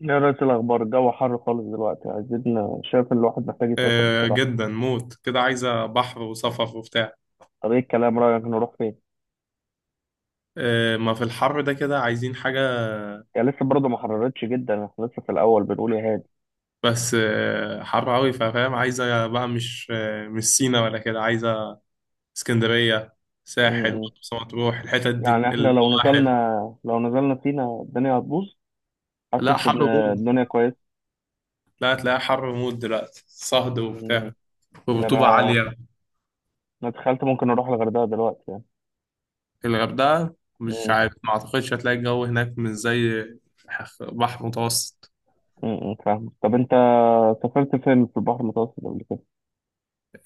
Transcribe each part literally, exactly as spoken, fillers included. يا ريت الأخبار، الجو حر خالص دلوقتي، عايزين. شايف إن الواحد محتاج يسافر آه، بصراحة. جدا موت كده، عايزة بحر وصفف وبتاع. طب إيه الكلام، رأيك نروح فين؟ آه، ما في الحر ده كده عايزين حاجة. يعني لسه برضه ما حررتش جدا، إحنا لسه في الأول بنقول يا هادي. بس آه حر أوي، فاهم. عايزة بقى، مش آه مش سينا ولا كده، عايزة اسكندرية، م- ساحل م. مرسى مطروح، الحتت دي يعني إحنا لو نزلنا الواحد. لو نزلنا سينا الدنيا هتبوظ. لا حاسس حر إن موت. الدنيا كويس. لا تلاقيها حر موت دلوقتي، صهد م- وبتاع، ده ورطوبة أنا عالية. أنا تخيلت ممكن أروح الغردقة دلوقتي يعني. الغردقة مش م- عارف، ما أعتقدش هتلاقي الجو هناك مش زي بحر متوسط. م- م. فاهم. طب أنت سافرت فين في البحر المتوسط قبل كده؟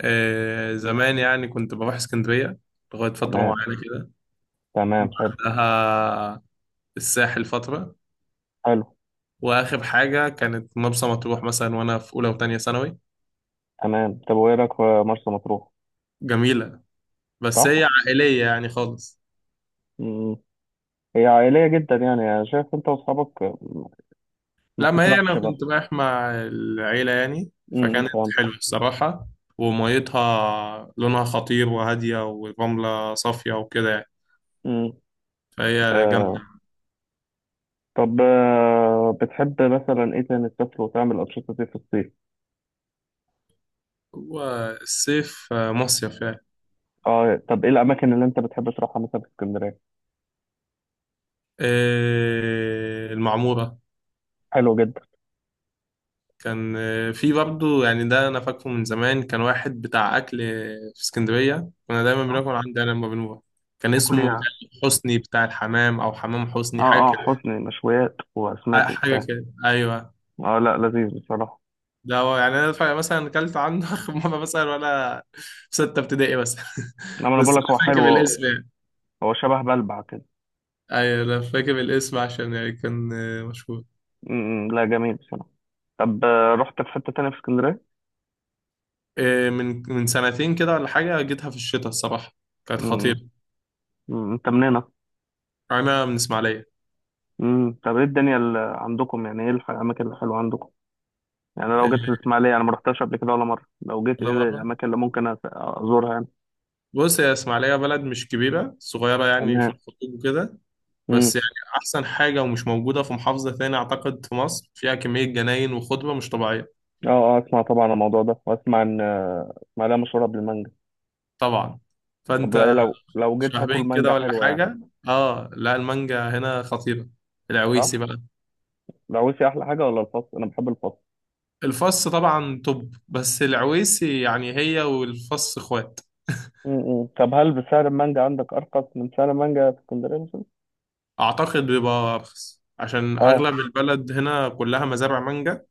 آه زمان يعني، كنت بروح اسكندرية لغاية فترة تمام، معينة كده. تمام، حلو. بعدها الساحل فترة، حلو، وآخر حاجة كانت مرسى مطروح مثلا، وأنا في أولى وتانية ثانوي. تمام. طب وإيه رأيك في مرسى مطروح؟ جميلة، بس هي صح؟ عائلية يعني خالص. هي عائلية جدا يعني، أنا شايف أنت وأصحابك ما لما هي أنا تطرحش برضه. كنت رايح مع العيلة يعني، امم فكانت فهمت. حلوة الصراحة. وميتها لونها خطير، وهادية، ورملة صافية وكده يعني، امم فهي جامدة. آه طب، آه بتحب مثلا إيه تاني تسافر وتعمل أنشطة إيه في الصيف؟ والصيف آه، مصيف يعني. آه طب إيه الأماكن اللي أنت بتحب تروحها مثلا في اسكندرية؟ آه، المعمورة. حلو جدا. كان آه، في برضه يعني، ده انا فاكره من زمان، كان واحد بتاع اكل آه، في اسكندريه كنا دايما اه، بناكل عندي انا لما بنروح. كان تاكل إيه اسمه يعني؟ حسني بتاع الحمام، او حمام حسني حاجه آه، آه، كده. حسني مشويات آه، وأسماك حاجه وبتاع. كده ايوه. آه لا، لذيذ بصراحة. ده هو يعني، انا فا- مثلا اكلت عنده اخر مره مثلا وانا في سته ابتدائي بس إنما أنا بس بقول لك هو انا فاكر حلو هو. الاسم يعني. هو شبه بلبع كده. ايوه انا فاكر الاسم عشان يعني كان آه، مشهور. امم لا، جميل بصراحة. طب، آه، رحت في حتة تانية في اسكندرية؟ آه، من من سنتين كده ولا حاجه، جيتها في الشتاء الصراحه، كانت امم. خطيره. أمم، أنت منين؟ انا من اسماعيليه. امم طب ايه الدنيا اللي عندكم، يعني ايه الح- الاماكن الحلوه عندكم؟ يعني أنا لو جيت آه، الاسماعيليه، انا ما رحتهاش قبل كده ولا مره، لو جيت ايه ولا مرة. الاماكن اللي ممكن أس- ازورها يعني. بص، يا اسماعيلية بلد مش كبيرة، صغيرة يعني في تمام. الخطوط وكده، بس امم. يعني أحسن حاجة ومش موجودة في محافظة تاني أعتقد في مصر، فيها كمية جناين وخضرة مش طبيعية. اه، اه، اسمع، طبعا عن الموضوع ده، واسمع ان آه، اسماعيليه مشهوره بالمانجا. طبعا، طب ايه، فأنت. لو لو جيت هاكل شهرين مانجا كده ولا حلوه يعني؟ حاجة. آه لا، المانجا هنا خطيرة، العويسي صح. بقى. العويسي احلى حاجه ولا الفص؟ انا بحب الفص. الفص طبعا توب، بس العويسي يعني هي والفص إخوات. امم طب هل بسعر المانجا عندك ارخص من سعر المانجا في اسكندريه مثلا؟ أعتقد بيبقى أرخص عشان اه، أغلب البلد هنا كلها مزارع مانجا.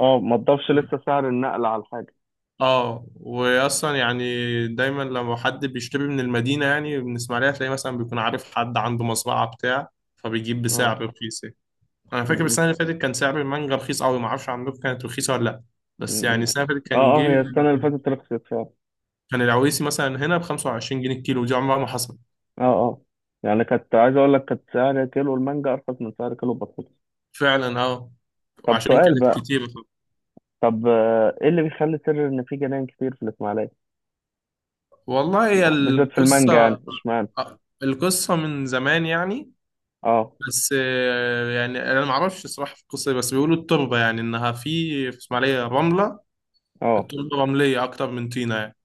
اه، ما تضافش لسه سعر النقل على الحاجه. اه واصلا يعني، دايما لما حد بيشتري من المدينه يعني من اسماعيليه، تلاقي مثلا بيكون عارف حد عنده مزرعه بتاع، فبيجيب اه. بسعر رخيص يعني. انا فاكر امم. السنه اللي فاتت كان سعر المانجا رخيص قوي، ما اعرفش عندكم كانت رخيصه ولا لا. بس يعني امم. السنه اللي فاتت اه، كان اه، جه، هي السنه اللي فاتت رخصت فعلا. كان العويسي مثلا هنا ب خمسة وعشرين جنيه الكيلو، دي عمرها ما حصلت. اه، اه، يعني كنت عايز اقول لك كانت سعر كيلو المانجا ارخص من سعر كيلو البطاطس. فعلا اه، طب وعشان سؤال كانت بقى. كتير. طب، آه، ايه اللي بيخلي سر ان في جناين كتير في الاسماعيليه، والله هي بالذات في المانجا؟ القصه، يعني اشمعنى؟ آه، القصة من زمان يعني. اه، بس آه، يعني انا ما اعرفش الصراحه في القصه دي، بس بيقولوا التربه يعني انها في في اسماعيليه رمله. اه، التربه رمليه اكتر من طينه يعني.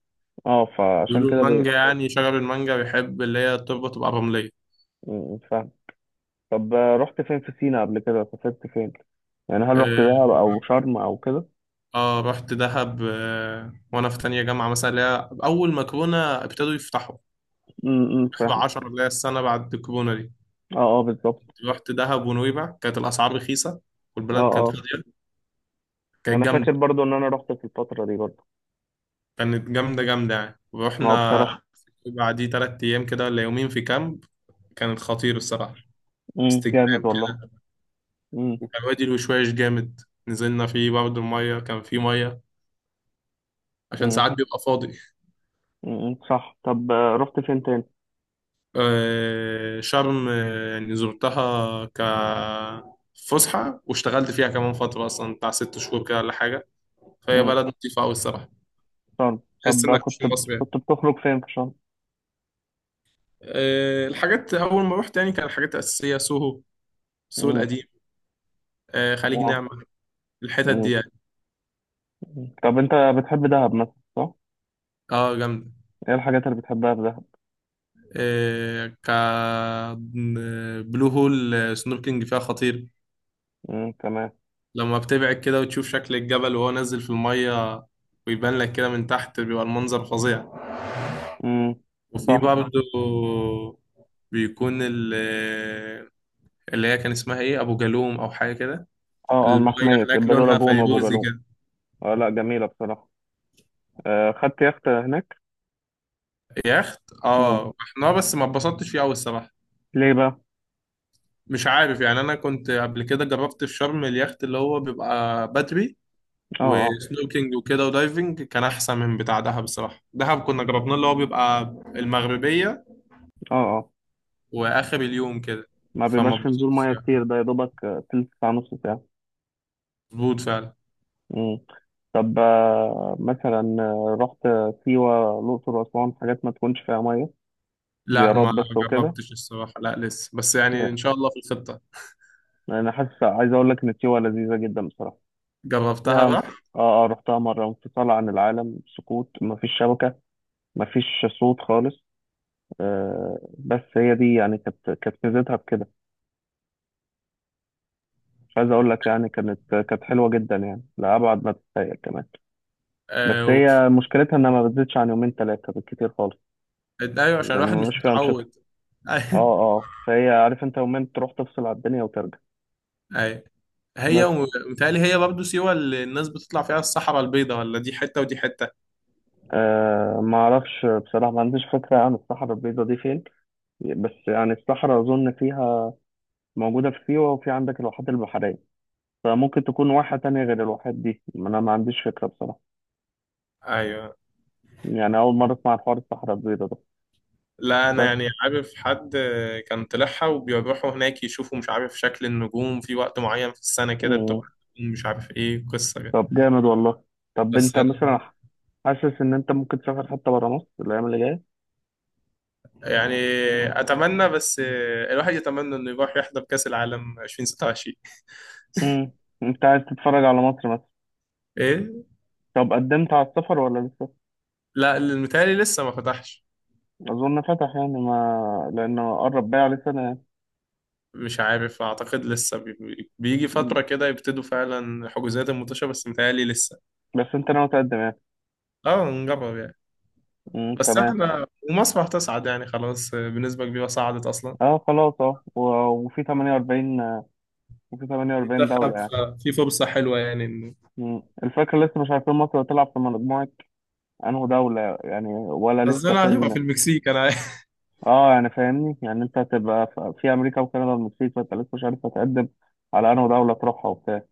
اه. فعشان بيقولوا كده بي... المانجا يعني شجر المانجا بيحب اللي هي التربه تبقى رمليه. م- م، فاهم. طب، آه، رحت فين في سينا قبل كده؟ سافرت فين؟ يعني هل رحت اه. دهب او شرم او كده؟ آه، رحت دهب، آه وانا في تانية جامعه مثلا، اللي هي اول ما كورونا ابتدوا يفتحوا، م- م، فاهم. واحد وعشرين اللي هي السنه بعد الكورونا دي. اه، اه، بالظبط. رحت دهب ونويبع، كانت الاسعار رخيصه، اه، والبلد كانت اه، فاضيه، كانت انا جامده. فاكر برضو ان انا رحت في الفتره دي برضو. كانت جامده جامده يعني، اه ورحنا بصراحه. بعديه تلات أيام كده ولا يومين في كامب، كانت خطير الصراحة، م، استجمام جامد والله. كده. م- وكان وادي الوشواش جامد، نزلنا فيه برضه، المية كان فيه مية عشان م. ساعات بيبقى فاضي. م- م. صح. طب، آه، رحت فين تاني؟ آه، شرم، آه، يعني زرتها ك فسحة، واشتغلت فيها كمان فترة أصلا بتاع ست شهور كده ولا حاجة، فهي م. بلد لطيفة أوي الصراحة. شرم. تحس طب، آه، إنك مش كنت في مصر يعني. كنت بتخرج فين في شرم؟ آه، الحاجات أول ما روحت يعني، كان الحاجات الأساسية سوهو، سوق م. القديم، آه، خليج آه. نعمة، الحتت دي م. يعني. م. طب انت بتحب دهب مثلا، صح؟ اه جامدة. ايه الحاجات اللي بتحبها في دهب؟ كبلو هول، سنوركينج فيها خطير. م، تمام. لما بتبعد كده وتشوف شكل الجبل وهو نازل في المية، ويبان لك كده من تحت، بيبقى المنظر فظيع. م، وفي صح. برضه بيكون ال- اللي هي كان اسمها ايه، ابو جالوم او حاجه كده. اه، اه، الميه المحمية هناك البلو لونها لاجون وابو فيروزي جالوم. كده. آه لا، جميلة بصراحة. آه، خدت يخت هناك؟ يخت م. اه، احنا بس ما اتبسطتش فيه قوي الصراحه. ليه بقى؟ مش عارف يعني، انا كنت قبل كده جربت في شرم اليخت اللي هو بيبقى بدري اه، اه، وسنوكينج وكده ودايفنج، كان احسن من بتاع دهب الصراحه. دهب كنا جربناه اللي هو بيبقى المغربيه اه، اه، واخر اليوم كده، ما فما بيبقاش في نزول اتبسطتش ميه كتير، يعني. ده يا دوبك آه، تلت ساعة، نص مظبوط فعلا. ساعة. طب، آه، مثلا، آه، رحت سيوة، الأقصر، وأسوان؟ حاجات ما تكونش فيها مية، لا زيارات ما بس وكده جربتش الصراحه، لا لسه بس يعني ان يعني. شاء الله في الخطه. أنا حاسس عايز أقول لك إن سيوة لذيذة جدا بصراحة. يعني جربتها بقى. انف- آه، آه، رحتها مرة، انفصال عن العالم، سكوت، مفيش شبكة، مفيش صوت خالص. آه، بس هي دي يعني كانت كانت ميزتها بكده. مش عايز أقول لك، يعني كانت كانت حلوة جدا يعني، لأبعد ما تتخيل كمان. بس آه و... هي مشكلتها إنها ما بتزيدش عن يومين تلاتة بالكتير خالص. ايوه عشان يعني الواحد ما مش بيبقاش فيها أنشطة. متعود. اه، ايوه. اه، فهي عارف انت، يومين تروح تفصل على الدنيا وترجع. أيوة. هي بس ومتهيألي هي برضه سيوه اللي الناس بتطلع فيها الصحراء البيضاء، ولا دي حته ودي حته. آه، ما اعرفش بصراحه، ما عنديش فكره عن الصحراء البيضاء دي فين. بس يعني الصحراء اظن فيها موجوده في سيوه، وفي عندك الواحات البحريه. فممكن تكون واحه تانية غير الواحات دي، ما انا ما عنديش فكره بصراحه. ايوه. يعني اول مره اسمع عن حوار الصحراء البيضاء ده. لا انا بس. يعني عارف حد كان طلعها، وبيروحوا هناك يشوفوا مش عارف شكل النجوم في وقت معين في السنة كده مم. بتبقى، مش عارف ايه قصة كده. طب جامد والله. طب بس انت أنا مثلا حاسس ان انت ممكن تسافر حتى بره مصر الايام اللي جايه؟ يعني، اتمنى بس الواحد يتمنى انه يروح يحضر كأس العالم عشرين ستة وعشرين. مم. انت عايز تتفرج على مصر مثلا؟ ايه. طب قدمت على السفر ولا لسه؟ لا المتهيألي لسه ما فتحش. أظن فتح يعني، ما لأنه قرب بقى عليه سنة يعني. مش عارف، اعتقد لسه بي- بي- بيجي مم. فترة كده يبتدوا فعلا حجوزات الماتشة، بس متهيألي لسه. بس أنت ناوي تقدم يعني؟ اه نجرب يعني. مم، بس تمام. احنا ومصر هتصعد يعني، خلاص بنسبة كبيرة صعدت اصلا أه خلاص. أه و- وفي ثمانية وأربعين وفي تمانية وأربعين منتخب، دولة يعني. ففي فرصة حلوة يعني انه مم. الفكرة لسه مش عارفين مصر هتلعب في مجموعة، أنه دولة يعني، ولا لسه حظنا هتبقى فين. في المكسيك انا عارف. أه، يعني فاهمني، يعني أنت هتبقى ف- في أمريكا وكندا والمكسيك، فأنت لسه مش عارف هتقدم على أنه دولة تروحها وبتاع.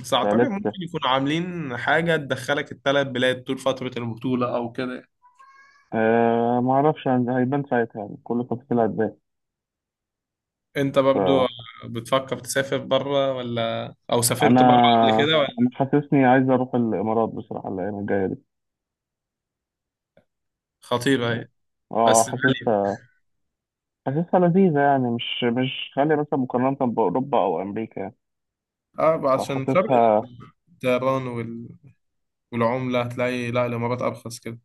بس اعتقد ممكن فلسه. يكونوا عاملين حاجة تدخلك الثلاث بلاد طول فترة البطولة او كده. أه، معرفش، هن- هيبان ساعتها، يعني كل التفاصيل هتبان. انت برضو بتفكر تسافر بره، ولا او سافرت بره قبل انا كده ولا. انا حاسسني عايز اروح الامارات بصراحه الايام الجايه دي. خطيرة هي، اه، بس غالية. حاسسها. حاسسها لذيذه، يعني مش مش غاليه مثلا مقارنه باوروبا او امريكا يعني. اه عشان فرق فحاسسها. الطيران وال... والعملة، هتلاقي لا الامارات ارخص كده.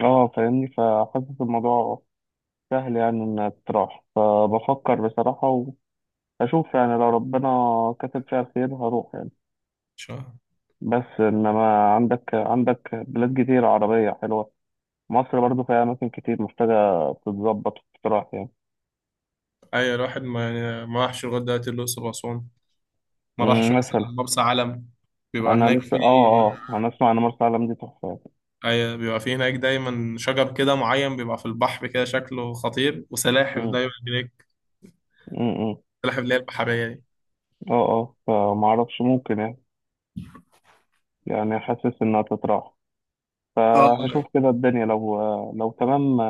اه فاهمني، فحاسس الموضوع سهل يعني، انها تروح، فبفكر بصراحه، واشوف يعني لو ربنا كتب فيها الخير هروح يعني. شهر. بس انما عندك عندك بلاد كتير عربيه حلوه. مصر برضو فيها اماكن كتير محتاجه تتظبط وتتراح يعني. اي الواحد ما يعني ما راحش لغاية دلوقتي الاقصر واسوان، ما راحش مم، مثلا مثلا. مرسى علم، بيبقى انا هناك لسه، في. اه. اه، انا اسمع ان مرسى علم دي تحفه. أيوة بيبقى في هناك دايما شجر كده معين بيبقى في البحر كده شكله خطير، وسلاحف امم. دايما هناك، امم. السلاحف اللي هي البحرية دي. اه، اه، فما اعرفش، ممكن يعني. يعني حاسس انها تتراح. اه لا، فهشوف كده الدنيا لو، لو تمام.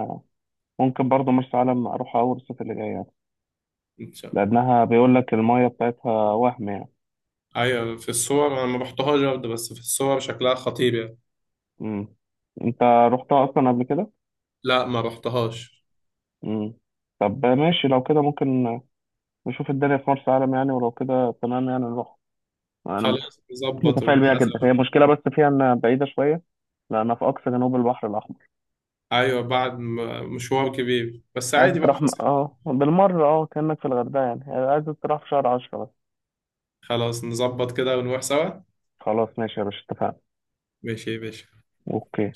ممكن برضه مرسى علم اروح اول الصيف اللي جاي يعني. مش-. لانها بيقول لك المايه بتاعتها وهم يعني. أيوة في الصور، أنا ما رحتهاش برضه، بس في الصور شكلها خطير يعني. امم. انت رحتها اصلا قبل كده؟ لا ما رحتهاش. امم. طب ماشي، لو كده ممكن نشوف الدنيا في مرسى علم يعني، ولو كده تمام يعني نروح. انا، مت- خلاص نظبط متفائل بيها جدا. ونحاسب. هي مشكله بس فيها انها بعيده شويه، لأنها في أقصى جنوب البحر الأحمر. أيوة بعد م- مشوار كبير، بس عايز عادي بقى تروح م... فسح. اه بالمرة، اه كأنك في الغردقة يعني، عايز تروح في شهر عشرة بس. خلاص نظبط كده ونروح سوا. خلاص ماشي يا باشا، اتفقنا. ماشي يا باشا. اوكي.